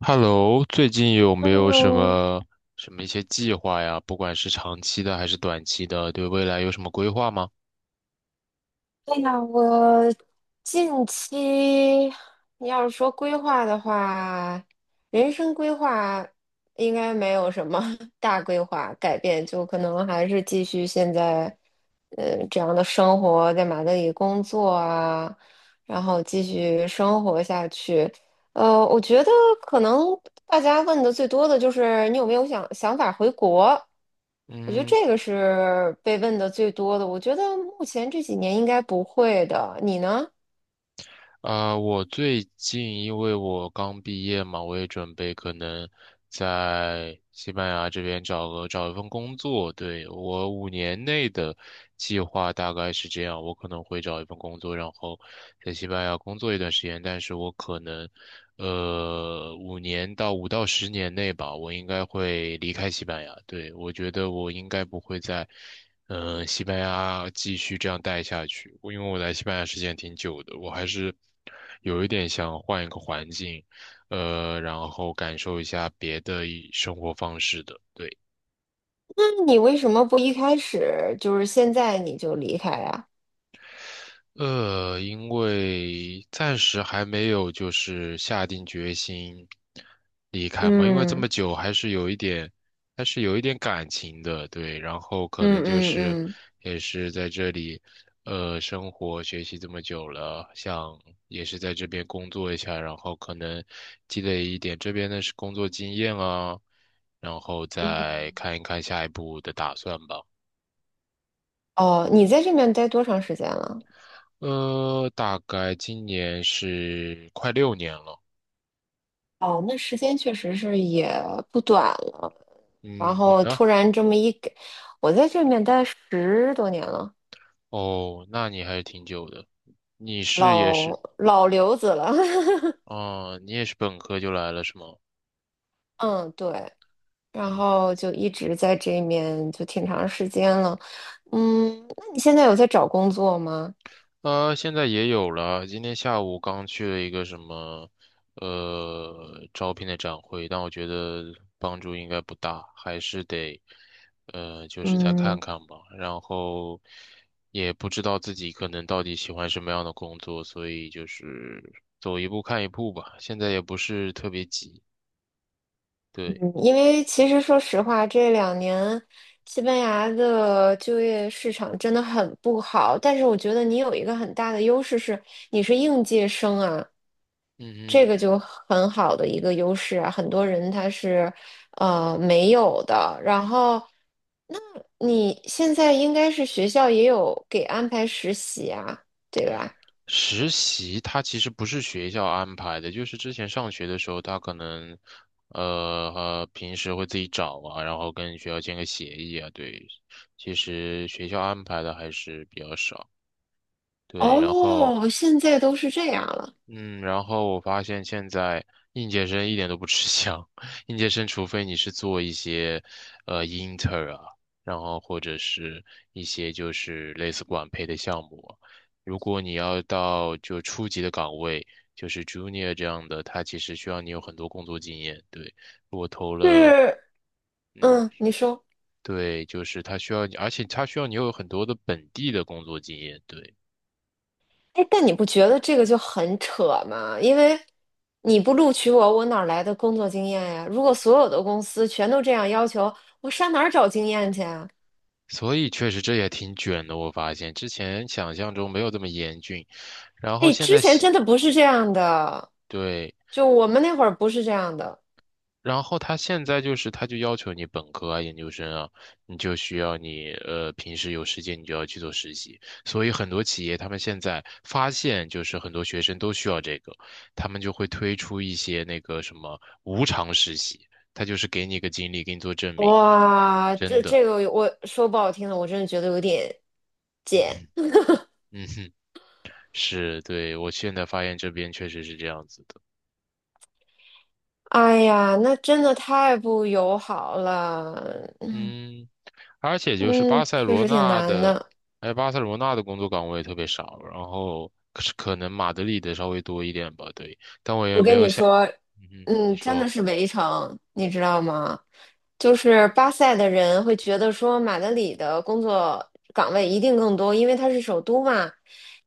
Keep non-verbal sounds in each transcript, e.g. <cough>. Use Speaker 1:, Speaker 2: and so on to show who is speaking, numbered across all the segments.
Speaker 1: Hello，最近有没有什
Speaker 2: 嗯，
Speaker 1: 么什么一些计划呀？不管是长期的还是短期的，对未来有什么规划吗？
Speaker 2: 哎呀，我近期你要是说规划的话，人生规划应该没有什么 <laughs> 大规划改变，就可能还是继续现在，这样的生活，在马德里工作啊，然后继续生活下去。我觉得可能大家问的最多的就是你有没有想法回国？我觉得
Speaker 1: 嗯。
Speaker 2: 这个是被问的最多的。我觉得目前这几年应该不会的。你呢？
Speaker 1: 啊，我最近因为我刚毕业嘛，我也准备可能在西班牙这边找一份工作。对，我五年内的计划大概是这样，我可能会找一份工作，然后在西班牙工作一段时间。但是我可能，五年到五到十年内吧，我应该会离开西班牙。对，我觉得我应该不会在西班牙继续这样待下去，我因为我来西班牙时间挺久的，我还是有一点想换一个环境，然后感受一下别的一生活方式的。对。
Speaker 2: 那你为什么不一开始就是现在你就离开呀？
Speaker 1: 因为暂时还没有就是下定决心离开嘛，因为这
Speaker 2: 嗯
Speaker 1: 么久还是有一点感情的，对，然后可能
Speaker 2: 嗯
Speaker 1: 就
Speaker 2: 嗯
Speaker 1: 是
Speaker 2: 嗯
Speaker 1: 也是在这里，生活学习这么久了，想也是在这边工作一下，然后可能积累一点这边的是工作经验啊，然后再看
Speaker 2: 嗯。
Speaker 1: 一看下一步的打算吧。
Speaker 2: 哦，你在这边待多长时间了？
Speaker 1: 大概今年是快六年了。
Speaker 2: 哦，那时间确实是也不短了。然
Speaker 1: 嗯，你
Speaker 2: 后
Speaker 1: 呢？
Speaker 2: 突然这么一给，我在这边待10多年了，
Speaker 1: 哦，那你还是挺久的。你是也是，
Speaker 2: 老刘子了。<laughs>
Speaker 1: 哦，你也是本科就来了是吗？
Speaker 2: 嗯，对，然
Speaker 1: 嗯，
Speaker 2: 后就一直在这面就挺长时间了。嗯，那你现在有在找工作吗？
Speaker 1: 现在也有了。今天下午刚去了一个什么，招聘的展会，但我觉得帮助应该不大，还是得，就是再看
Speaker 2: 嗯，
Speaker 1: 看吧。然后也不知道自己可能到底喜欢什么样的工作，所以就是走一步看一步吧。现在也不是特别急，对，
Speaker 2: 嗯因为其实说实话，这两年西班牙的就业市场真的很不好，但是我觉得你有一个很大的优势是你是应届生啊，
Speaker 1: 嗯
Speaker 2: 这
Speaker 1: 哼。
Speaker 2: 个就很好的一个优势啊，很多人他是没有的。然后，那你现在应该是学校也有给安排实习啊，对吧？
Speaker 1: 实习它其实不是学校安排的，就是之前上学的时候，他可能，平时会自己找啊，然后跟学校签个协议啊，对，其实学校安排的还是比较少，对，然后。
Speaker 2: 哦，现在都是这样了，
Speaker 1: 嗯，然后我发现现在应届生一点都不吃香，<laughs> 应届生除非你是做一些，inter 啊，然后或者是一些就是类似管培的项目啊，如果你要到就初级的岗位，就是 junior 这样的，他其实需要你有很多工作经验。对，我投了，
Speaker 2: 是，
Speaker 1: 嗯，
Speaker 2: 嗯，你说。
Speaker 1: 对，就是他需要你，而且他需要你有很多的本地的工作经验。对。
Speaker 2: 哎，但你不觉得这个就很扯吗？因为你不录取我，我哪儿来的工作经验呀？如果所有的公司全都这样要求，我上哪儿找经验去啊？
Speaker 1: 所以确实这也挺卷的，我发现之前想象中没有这么严峻，然后
Speaker 2: 哎，
Speaker 1: 现
Speaker 2: 之
Speaker 1: 在
Speaker 2: 前
Speaker 1: 喜
Speaker 2: 真的不是这样的，
Speaker 1: 对，
Speaker 2: 就我们那会儿不是这样的。
Speaker 1: 然后他现在就是他就要求你本科啊、研究生啊，你就需要你平时有时间你就要去做实习，所以很多企业他们现在发现就是很多学生都需要这个，他们就会推出一些那个什么无偿实习，他就是给你一个经历，给你做证明，
Speaker 2: 哇，
Speaker 1: 真
Speaker 2: 这
Speaker 1: 的，
Speaker 2: 这个我说不好听的，我真的觉得有点贱。
Speaker 1: 嗯嗯哼，是，对，我现在发现这边确实是这样子的。
Speaker 2: 哎呀，那真的太不友好了。嗯
Speaker 1: 嗯，而且就是巴
Speaker 2: 嗯，
Speaker 1: 塞
Speaker 2: 确
Speaker 1: 罗
Speaker 2: 实挺
Speaker 1: 那
Speaker 2: 难
Speaker 1: 的，
Speaker 2: 的。
Speaker 1: 哎，巴塞罗那的工作岗位特别少，然后可是可能马德里的稍微多一点吧，对，但我也
Speaker 2: 我
Speaker 1: 没
Speaker 2: 跟
Speaker 1: 有
Speaker 2: 你
Speaker 1: 想，
Speaker 2: 说，
Speaker 1: 嗯哼，你
Speaker 2: 嗯，真的
Speaker 1: 说，
Speaker 2: 是围城，你知道吗？就是巴塞的人会觉得说马德里的工作岗位一定更多，因为它是首都嘛。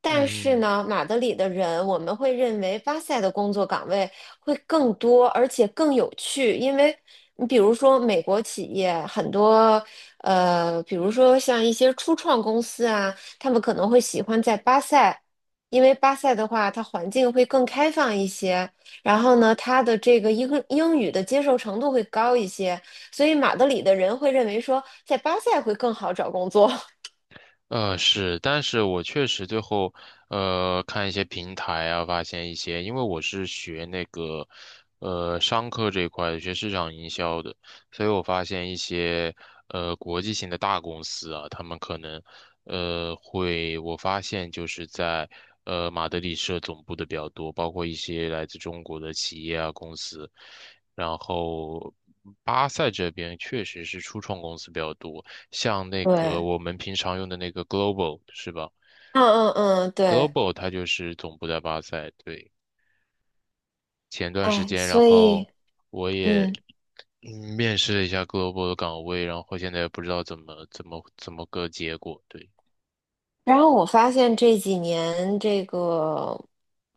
Speaker 2: 但是
Speaker 1: 嗯。
Speaker 2: 呢，马德里的人我们会认为巴塞的工作岗位会更多，而且更有趣，因为你比如说美国企业很多，比如说像一些初创公司啊，他们可能会喜欢在巴塞。因为巴塞的话，它环境会更开放一些，然后呢，他的这个英语的接受程度会高一些，所以马德里的人会认为说，在巴塞会更好找工作。<laughs>
Speaker 1: 是，但是我确实最后，看一些平台啊，发现一些，因为我是学那个，商科这一块的，学市场营销的，所以我发现一些，国际性的大公司啊，他们可能，会，我发现就是在，马德里设总部的比较多，包括一些来自中国的企业啊，公司，然后巴塞这边确实是初创公司比较多。像那个
Speaker 2: 对，
Speaker 1: 我们平常用的那个 Global 是吧
Speaker 2: 嗯嗯嗯，对，
Speaker 1: ？Global 它就是总部在巴塞，对。前段时
Speaker 2: 哎，
Speaker 1: 间，然
Speaker 2: 所
Speaker 1: 后
Speaker 2: 以
Speaker 1: 我也
Speaker 2: 嗯。
Speaker 1: 面试了一下 Global 的岗位，然后现在也不知道怎么个结果，对。
Speaker 2: 然后我发现这几年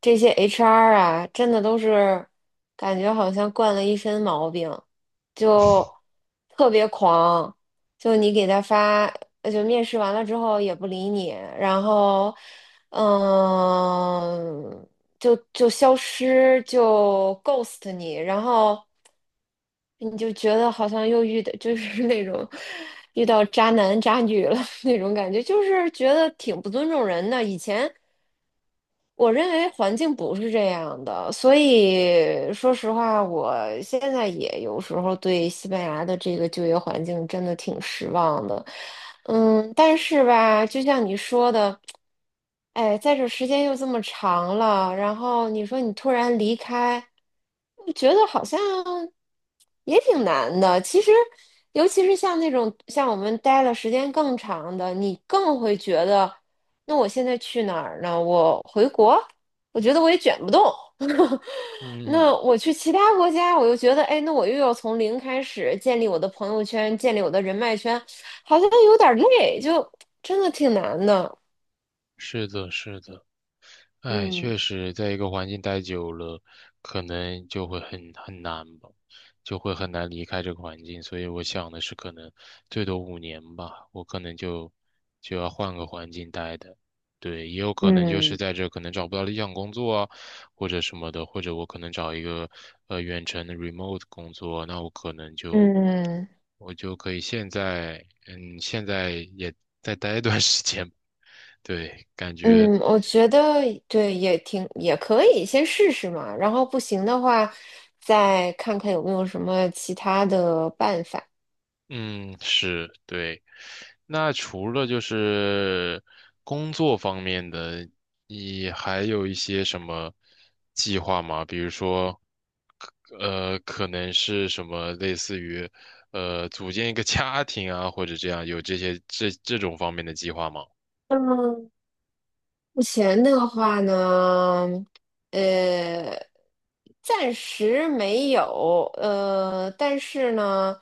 Speaker 2: 这些 HR 啊，真的都是感觉好像惯了一身毛病，就特别狂，就你给他发，就面试完了之后也不理你，然后嗯。就消失，就 ghost 你，然后你就觉得好像又遇到就是那种遇到渣男渣女了 <laughs> 那种感觉，就是觉得挺不尊重人的。以前我认为环境不是这样的，所以说实话，我现在也有时候对西班牙的这个就业环境真的挺失望的。嗯，但是吧，就像你说的，哎，在这时间又这么长了，然后你说你突然离开，我觉得好像也挺难的。其实，尤其是像那种像我们待了时间更长的，你更会觉得。那我现在去哪儿呢？我回国，我觉得我也卷不动。<laughs> 那
Speaker 1: 嗯，
Speaker 2: 我去其他国家，我又觉得，哎，那我又要从零开始建立我的朋友圈，建立我的人脉圈，好像有点儿累，就真的挺难的。
Speaker 1: 是的，是的。哎，确
Speaker 2: 嗯
Speaker 1: 实，在一个环境待久了，可能就会很难吧，就会很难离开这个环境。所以我想的是，可能最多五年吧，我可能就要换个环境待的。对，也有可能就是
Speaker 2: 嗯
Speaker 1: 在这可能找不到理想工作啊，或者什么的，或者我可能找一个远程的 remote 工作，那我可能就
Speaker 2: 嗯
Speaker 1: 我就可以现在嗯现在也再待一段 <laughs> 时间。对，感觉。
Speaker 2: 嗯，我觉得对，也挺也可以，先试试嘛。然后不行的话，再看看有没有什么其他的办法。
Speaker 1: 嗯，是，对。那除了就是工作方面的，你还有一些什么计划吗？比如说，可能是什么类似于，组建一个家庭啊，或者这样，有这些这这种方面的计划吗？
Speaker 2: 嗯，目前的话呢，呃，暂时没有，但是呢，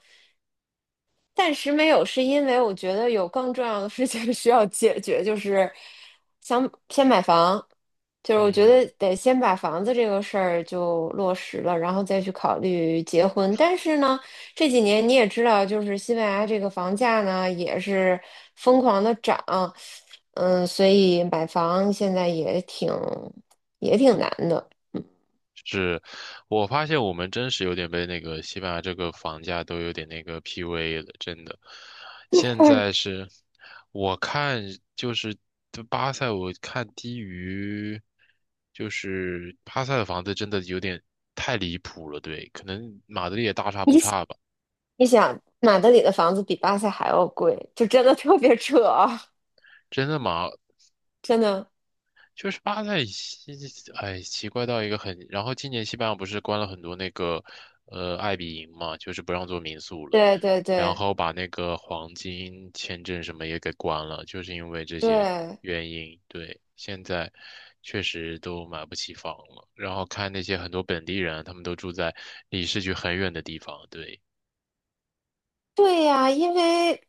Speaker 2: 暂时没有，是因为我觉得有更重要的事情 <laughs> 需要解决，就是想先买房，就是我觉
Speaker 1: 嗯
Speaker 2: 得得先把房子这个事儿就落实了，然后再去考虑结婚。但是呢，这几年你也知道，就是西班牙这个房价呢也是疯狂的涨，嗯，所以买房现在也挺难的。
Speaker 1: 是，我发现我们真是有点被那个西班牙这个房价都有点那个 PUA 了，真的。现在是，我看就是就巴塞，我看低于，就是巴塞的房子真的有点太离谱了，对，可能马德里也大差不
Speaker 2: 你想
Speaker 1: 差吧。
Speaker 2: 你想，马德里的房子比巴塞还要贵，就真的特别扯啊，
Speaker 1: 真的马
Speaker 2: 真的。
Speaker 1: 就是巴塞西，哎，奇怪到一个很。然后今年西班牙不是关了很多那个，爱比营嘛，就是不让做民宿了，
Speaker 2: 对对
Speaker 1: 然
Speaker 2: 对
Speaker 1: 后把那个黄金签证什么也给关了，就是因为这些
Speaker 2: 对
Speaker 1: 原因。对，现在确实都买不起房了。然后看那些很多本地人，他们都住在离市区很远的地方。对。
Speaker 2: 对呀，因为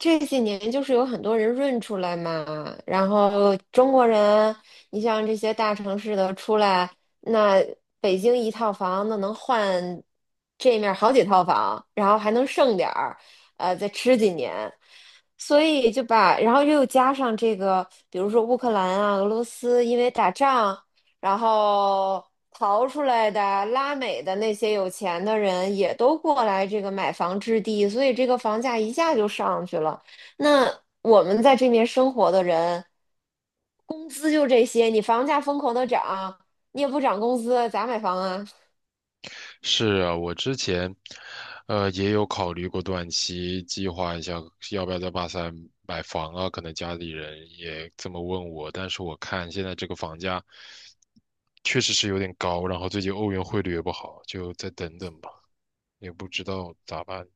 Speaker 2: 这几年就是有很多人润出来嘛，然后中国人，你像这些大城市的出来，那北京一套房那能换这面儿好几套房，然后还能剩点儿，再吃几年，所以就把，然后又加上这个，比如说乌克兰啊、俄罗斯，因为打仗。然后逃出来的拉美的那些有钱的人也都过来这个买房置地，所以这个房价一下就上去了。那我们在这边生活的人，工资就这些，你房价疯狂的涨，你也不涨工资，咋买房啊？
Speaker 1: 是啊，我之前，也有考虑过短期计划一下，要不要在巴塞买房啊？可能家里人也这么问我，但是我看现在这个房价确实是有点高，然后最近欧元汇率也不好，就再等等吧，也不知道咋办。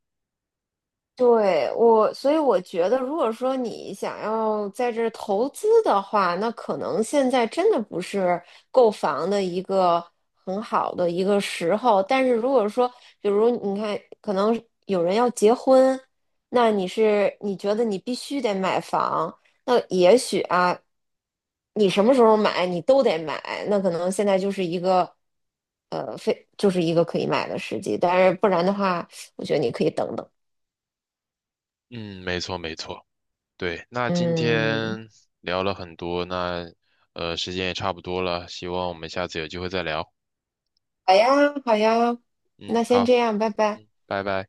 Speaker 2: 对，我，所以我觉得，如果说你想要在这儿投资的话，那可能现在真的不是购房的一个很好的一个时候。但是如果说，比如你看，可能有人要结婚，那你是你觉得你必须得买房，那也许啊，你什么时候买你都得买，那可能现在就是一个，非就是一个可以买的时机。但是不然的话，我觉得你可以等等。
Speaker 1: 嗯，没错，对，那今
Speaker 2: 嗯，
Speaker 1: 天聊了很多，那时间也差不多了，希望我们下次有机会再聊。
Speaker 2: 好呀，好呀，
Speaker 1: 嗯，
Speaker 2: 那先
Speaker 1: 好，
Speaker 2: 这样，拜拜。
Speaker 1: 拜拜。